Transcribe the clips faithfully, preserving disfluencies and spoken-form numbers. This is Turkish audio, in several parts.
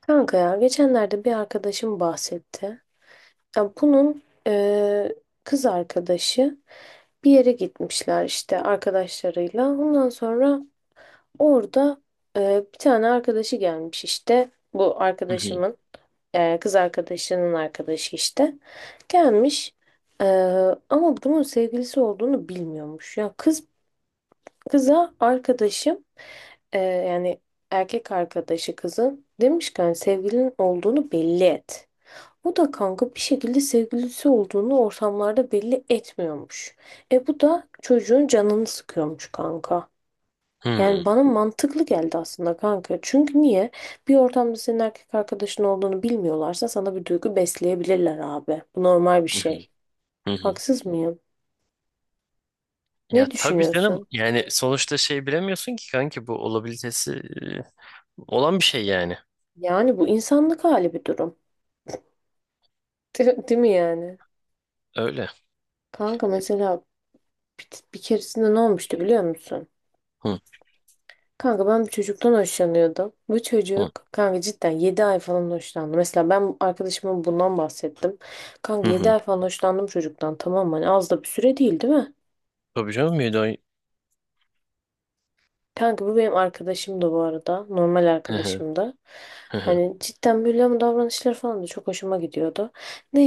Kanka ya geçenlerde bir arkadaşım bahsetti. Ya bunun eee, kız arkadaşı bir yere gitmişler işte arkadaşlarıyla. Ondan sonra orada eee, bir tane arkadaşı gelmiş işte. Bu Hı hı. arkadaşımın eee, kız arkadaşının arkadaşı işte. Gelmiş. Eee, ama bunun sevgilisi olduğunu bilmiyormuş. Ya kız kıza arkadaşım eee, yani erkek arkadaşı kızın demiş ki hani sevgilinin olduğunu belli et. Bu da kanka bir şekilde sevgilisi olduğunu ortamlarda belli etmiyormuş. E bu da çocuğun canını sıkıyormuş kanka. Hı Yani bana mantıklı geldi aslında kanka. Çünkü niye? Bir ortamda senin erkek arkadaşın olduğunu bilmiyorlarsa sana bir duygu besleyebilirler abi. Bu normal bir hı. şey. Hı hı. Haksız mıyım? Ya Ne tabii canım, düşünüyorsun? yani sonuçta şey, bilemiyorsun ki kanki, bu olabilitesi e, olan bir şey yani. Yani bu insanlık hali bir durum. Değil değil mi yani? Öyle. Kanka mesela bir, bir keresinde ne olmuştu biliyor musun? Hı Kanka ben bir çocuktan hoşlanıyordum. Bu hı. çocuk kanka cidden yedi ay falan hoşlandı. Mesela ben arkadaşıma bundan bahsettim. Hı Kanka yedi hı. ay falan hoşlandım çocuktan. Tamam mı? Hani az da bir süre değil değil mi? Tabii canım, müdahale. Kanka bu benim arkadaşım da bu arada. Normal Hı hı. arkadaşım da. Hı hı. Hani cidden böyle ama davranışları falan da çok hoşuma gidiyordu.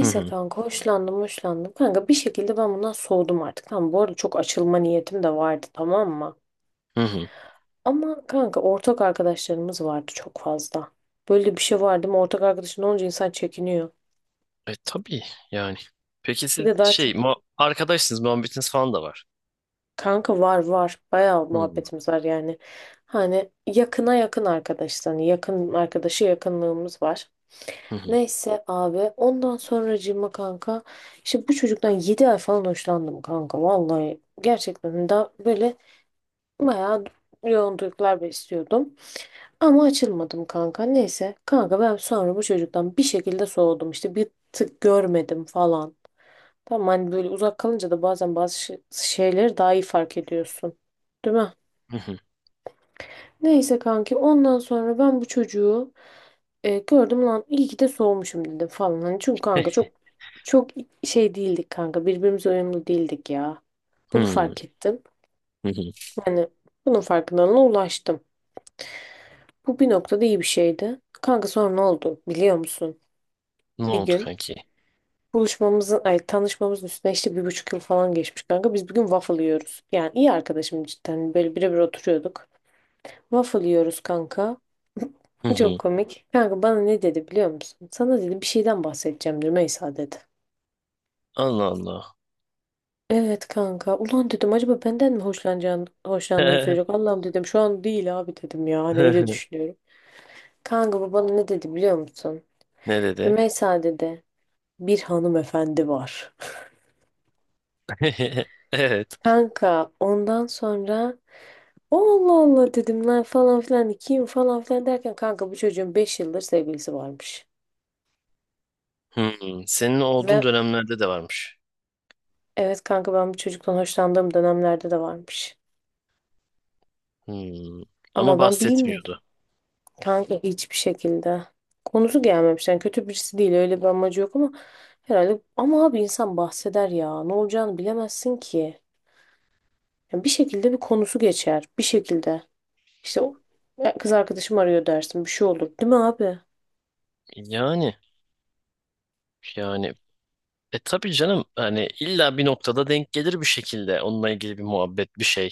Hı hı. kanka hoşlandım hoşlandım. Kanka bir şekilde ben bundan soğudum artık. Tamam bu arada çok açılma niyetim de vardı, tamam mı? Hı hı. Ama kanka ortak arkadaşlarımız vardı çok fazla. Böyle bir şey vardı mı ortak arkadaşın olunca insan çekiniyor. E tabii yani. Peki Bir siz de daha şey çok mu arkadaşsınız, muhabbetiniz falan da var. kanka var var bayağı Hı hı. muhabbetimiz var yani. Hani yakına yakın arkadaş hani yakın arkadaşı yakınlığımız var. Hı hı. Neyse abi ondan sonracığıma kanka işte bu çocuktan yedi ay falan hoşlandım kanka vallahi gerçekten daha böyle bayağı yoğun duygular besliyordum. Ama açılmadım kanka. Neyse. Kanka ben sonra bu çocuktan bir şekilde soğudum. İşte bir tık görmedim falan. Tamam, hani böyle uzak kalınca da bazen bazı şey- şeyleri daha iyi fark ediyorsun. Değil mi? Hı hı. Neyse kanki ondan sonra ben bu çocuğu e, gördüm, lan iyi ki de soğumuşum dedim falan. Hani çünkü kanka çok çok şey değildik kanka. Birbirimize uyumlu değildik ya. Bunu fark ettim. Hı hı. Yani bunun farkındalığına ulaştım. Bu bir noktada iyi bir şeydi. Kanka sonra ne oldu biliyor musun? Ne Bir oldu gün kanki? Buluşmamızın, ay tanışmamızın üstüne işte bir buçuk yıl falan geçmiş kanka. Biz bugün waffle yiyoruz. Yani iyi arkadaşım cidden. Böyle birebir oturuyorduk. Waffle yiyoruz kanka. Hı Çok hı. komik. Kanka bana ne dedi biliyor musun? Sana dedi bir şeyden bahsedeceğim Rümeysa, dedi. Allah Allah. Evet kanka. Ulan dedim acaba benden mi hoşlanacağını, hoşlandığını söyleyecek. Allah'ım dedim şu an değil abi dedim ya. Hani öyle düşünüyorum. Kanka bu bana ne dedi biliyor musun? Ne dedi? Rümeysa dedi, bir hanımefendi var. Evet. Kanka ondan sonra Allah Allah dedim lan falan filan kim falan filan derken kanka bu çocuğun beş yıldır sevgilisi varmış. Hmm, senin olduğun Ve dönemlerde de varmış. evet kanka ben bu çocuktan hoşlandığım dönemlerde de varmış. Hmm, ama Ama ben bilmiyordum. bahsetmiyordu. Kanka hiçbir şekilde. Konusu gelmemiş. Yani kötü birisi değil öyle bir amacı yok ama herhalde, ama abi insan bahseder ya. Ne olacağını bilemezsin ki. Yani bir şekilde bir konusu geçer. Bir şekilde. İşte o, "Ya kız arkadaşım arıyor" dersin, bir şey olur. Değil mi abi? Yani yani e tabii canım, hani illa bir noktada denk gelir bir şekilde onunla ilgili bir muhabbet bir şey.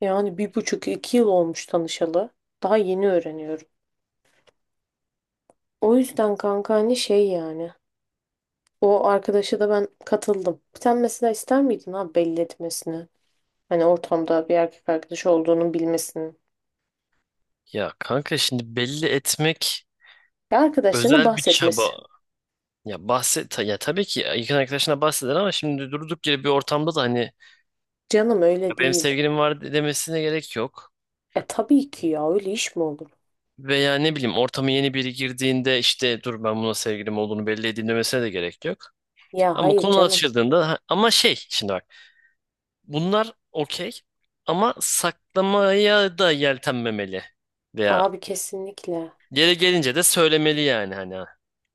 Yani bir buçuk iki yıl olmuş tanışalı. Daha yeni öğreniyorum. O yüzden kanka hani şey yani. O arkadaşa da ben katıldım. Sen mesela ister miydin abi belli etmesini? Hani ortamda bir erkek arkadaşı olduğunu bilmesini. Ya kanka, şimdi belli etmek Ya arkadaşlarına özel bir bahsetmesi. çaba. Ya bahset ta- ya tabii ki yakın arkadaşına bahseder, ama şimdi durduk yere bir ortamda da hani Canım öyle "Ya benim değil. sevgilim var" demesine gerek yok. E tabii ki, ya öyle iş mi olur? Veya ne bileyim, ortama yeni biri girdiğinde işte "dur ben buna sevgilim olduğunu belli edeyim" demesine de gerek yok. Ya Ama hayır konu canım. açıldığında ha- ama şey, şimdi bak, bunlar okey ama saklamaya da yeltenmemeli. Veya Abi kesinlikle. yere gelince de söylemeli yani, hani ha.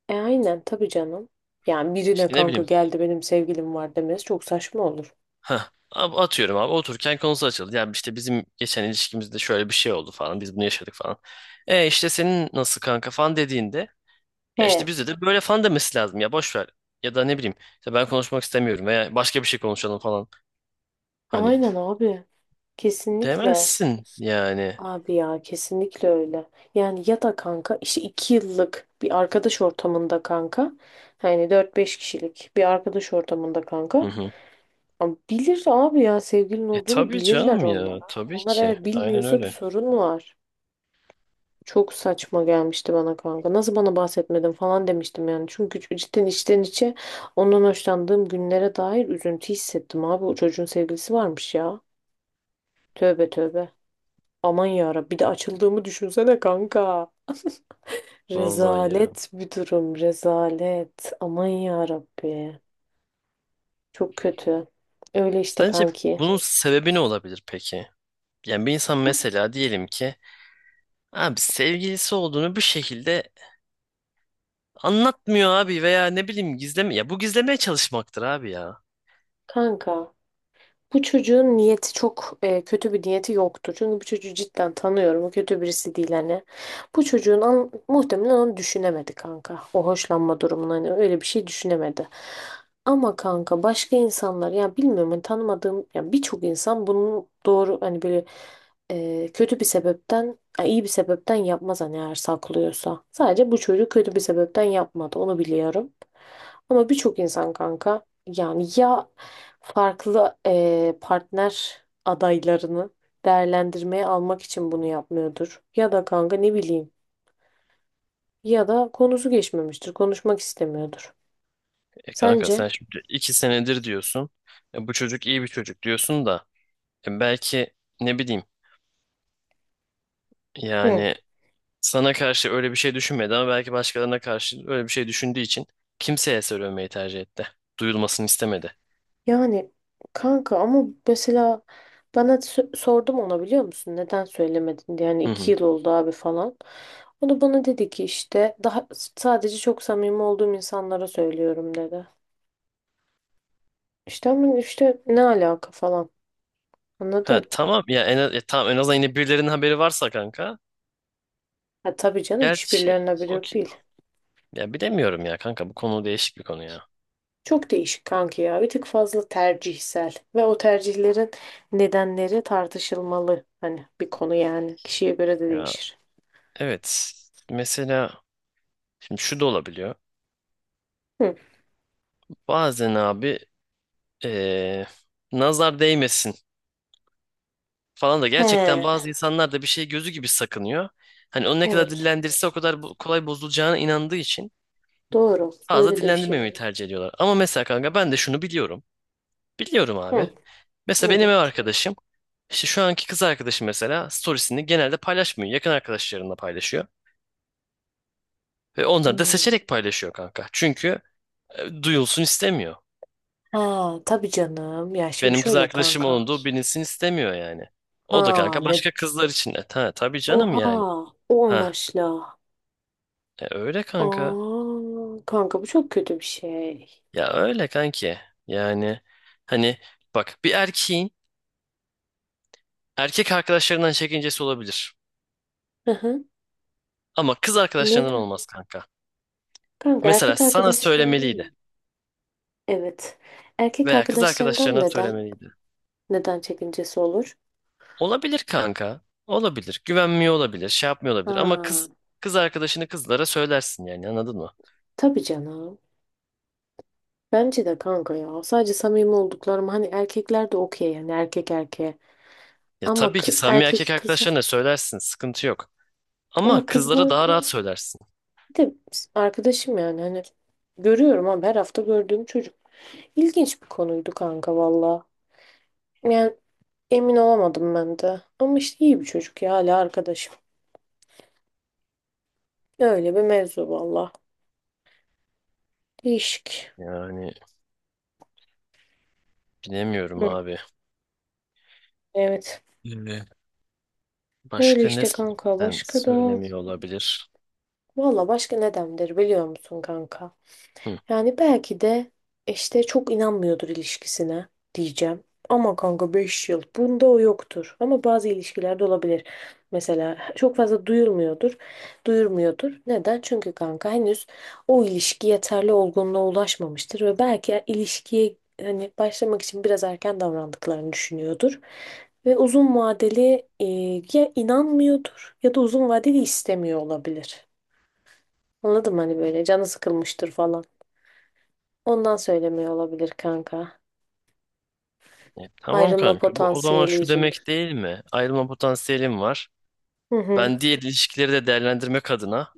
E aynen tabii canım. Yani birine işte ne kanka bileyim, geldi benim sevgilim var demesi çok saçma olur. heh, ab- atıyorum abi, otururken konusu açıldı. Yani işte bizim geçen ilişkimizde şöyle bir şey oldu falan. Biz bunu yaşadık falan. E işte senin nasıl kanka falan dediğinde, ya He. işte bizde de böyle falan demesi lazım ya, boş ver. Ya da ne bileyim, işte ben konuşmak istemiyorum veya başka bir şey konuşalım falan. Hani Aynen abi. Kesinlikle. demezsin yani. Abi ya kesinlikle öyle. Yani ya da kanka işte iki yıllık bir arkadaş ortamında kanka. Yani dört beş kişilik bir arkadaş ortamında kanka. Hı hı. Ama bilir abi ya, sevgilin E olduğunu tabii bilirler canım, onlar. ya tabii Onlar ki. eğer Aynen bilmiyorsa bir öyle. sorun var. Çok saçma gelmişti bana kanka. Nasıl bana bahsetmedin falan demiştim yani. Çünkü cidden içten içe ondan hoşlandığım günlere dair üzüntü hissettim abi. O çocuğun sevgilisi varmış ya. Tövbe tövbe. Aman ya Rabbi, bir de açıldığımı düşünsene kanka. Vallahi ya. Rezalet bir durum, rezalet. Aman ya Rabbi. Çok kötü. Öyle işte Sence kanki. bunun sebebi ne olabilir peki? Yani bir insan mesela, diyelim ki abi, sevgilisi olduğunu bir şekilde anlatmıyor abi, veya ne bileyim, gizleme, ya bu gizlemeye çalışmaktır abi ya. Kanka, bu çocuğun niyeti çok e, kötü bir niyeti yoktu. Çünkü bu çocuğu cidden tanıyorum. O kötü birisi değil hani. Bu çocuğun an, muhtemelen onu düşünemedi kanka. O hoşlanma durumunu hani öyle bir şey düşünemedi. Ama kanka başka insanlar ya bilmiyorum hani tanımadığım ya birçok insan bunu doğru hani böyle e, kötü bir sebepten ya iyi bir sebepten yapmaz hani eğer saklıyorsa. Sadece bu çocuk kötü bir sebepten yapmadı, onu biliyorum. Ama birçok insan kanka yani ya farklı eee, partner adaylarını değerlendirmeye almak için bunu yapmıyordur. Ya da kanka ne bileyim. Ya da konusu geçmemiştir. Konuşmak istemiyordur. E kanka, Sence? sen şimdi iki senedir diyorsun. E bu çocuk iyi bir çocuk diyorsun da, e belki, ne bileyim, Hı. yani sana karşı öyle bir şey düşünmedi ama belki başkalarına karşı öyle bir şey düşündüğü için kimseye söylemeyi tercih etti. Duyulmasını istemedi. Yani kanka ama mesela bana sö- sordum ona biliyor musun? Neden söylemedin diye. Yani Hı iki hı. yıl oldu abi falan. O da bana dedi ki işte daha sadece çok samimi olduğum insanlara söylüyorum dedi. İşte ama işte ne alaka falan. Ha Anladın? tamam, ya en az, ya tamam, en azından yine birilerinin haberi varsa kanka. Ha, tabii canım, Gerçi hiçbirilerine bile yok okey. değil. Ya bilemiyorum ya kanka, bu konu değişik bir konu ya. Çok değişik kanki ya. Bir tık fazla tercihsel. Ve o tercihlerin nedenleri tartışılmalı. Hani bir konu yani. Kişiye göre de Ya değişir. evet. Mesela, şimdi şu da olabiliyor. Hı. Bazen abi, eee, nazar değmesin falan da, gerçekten He, bazı insanlar da bir şey gözü gibi sakınıyor. Hani onu ne kadar evet. dillendirirse o kadar bu- kolay bozulacağına inandığı için Doğru. fazla Öyle de bir şey dillendirmemeyi var. tercih ediyorlar. Ama mesela kanka, ben de şunu biliyorum. Biliyorum abi. Hı. Mesela benim ev Nedir? arkadaşım, işte şu anki kız arkadaşım mesela, storiesini genelde paylaşmıyor. Yakın arkadaşlarında paylaşıyor. Ve onları da Hmm. seçerek paylaşıyor kanka. Çünkü e, duyulsun istemiyor. Ha, tabii canım. Ya şimdi Benim kız şöyle arkadaşım kanka. olduğu bilinsin istemiyor yani. O da Ha, kanka ne? başka kızlar için. E, ta, tabii canım Oha. yani. O Ha, amaçla. e, öyle kanka. Aa, kanka bu çok kötü bir şey. Ya öyle kanki. Yani hani, bak, bir erkeğin erkek arkadaşlarından çekincesi olabilir. Hı hı. Ama kız arkadaşlarından Neden? olmaz kanka. Kanka Mesela erkek sana arkadaşlarından mı? söylemeliydi Evet. Erkek veya kız arkadaşlarından arkadaşlarına neden? söylemeliydi. Neden çekincesi olur? Olabilir kanka. Olabilir. Güvenmiyor olabilir. Şey yapmıyor olabilir. Ama Ha, kız, kız arkadaşını kızlara söylersin yani, anladın mı? tabii canım. Bence de kanka ya. Sadece samimi olduklarım hani, erkekler de okey yani erkek erkeğe. Ya Ama tabii ki kı- samimi erkek erkek kızı, arkadaşlarına söylersin. Sıkıntı yok. Ama ama kızlara daha kızlarda, rahat söylersin. bir de arkadaşım yani hani görüyorum, ama her hafta gördüğüm çocuk. İlginç bir konuydu kanka valla. Yani emin olamadım ben de. Ama işte iyi bir çocuk ya, hala arkadaşım. Öyle bir mevzu valla. Değişik. Yani bilemiyorum Hı, abi. evet. Ee, Öyle Başka ne, işte kanka. sen Başka da... söylemiyor olabilir? Valla başka ne demdir biliyor musun kanka? Hı. Yani belki de işte çok inanmıyordur ilişkisine diyeceğim. Ama kanka beş yıl bunda o yoktur. Ama bazı ilişkilerde olabilir. Mesela çok fazla duyulmuyordur, duyurmuyordur. Neden? Çünkü kanka henüz o ilişki yeterli olgunluğa ulaşmamıştır ve belki ilişkiye hani başlamak için biraz erken davrandıklarını düşünüyordur. Ve uzun vadeli e, ya inanmıyordur ya da uzun vadeli istemiyor olabilir. Anladın mı? Hani böyle canı sıkılmıştır falan. Ondan söylemiyor olabilir kanka. E, tamam Ayrılma kanka. Bu o zaman potansiyeli şu yüzünden. demek değil mi? Ayrılma potansiyelim var. Hı hı. Ben diğer ilişkileri de değerlendirmek adına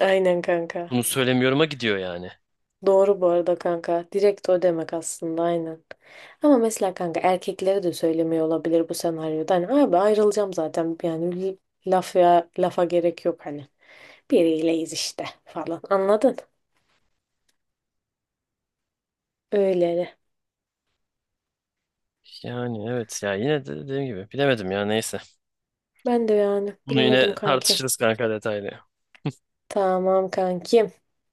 Aynen kanka. bunu söylemiyorum'a gidiyor yani. Doğru bu arada kanka. Direkt o demek aslında, aynen. Ama mesela kanka erkeklere de söylemiyor olabilir bu senaryoda. Hani abi ayrılacağım zaten. Yani l- laf ya, lafa gerek yok hani. Biriyleyiz işte falan. Anladın? Öyle. Yani evet ya, yine de dediğim gibi bilemedim, ya neyse. Ben de yani Bunu bilemedim yine kankim. tartışırız kanka, detaylı. Tamam kankim.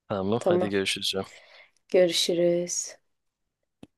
Tamam, hadi Tamam. görüşürüz. Görüşürüz.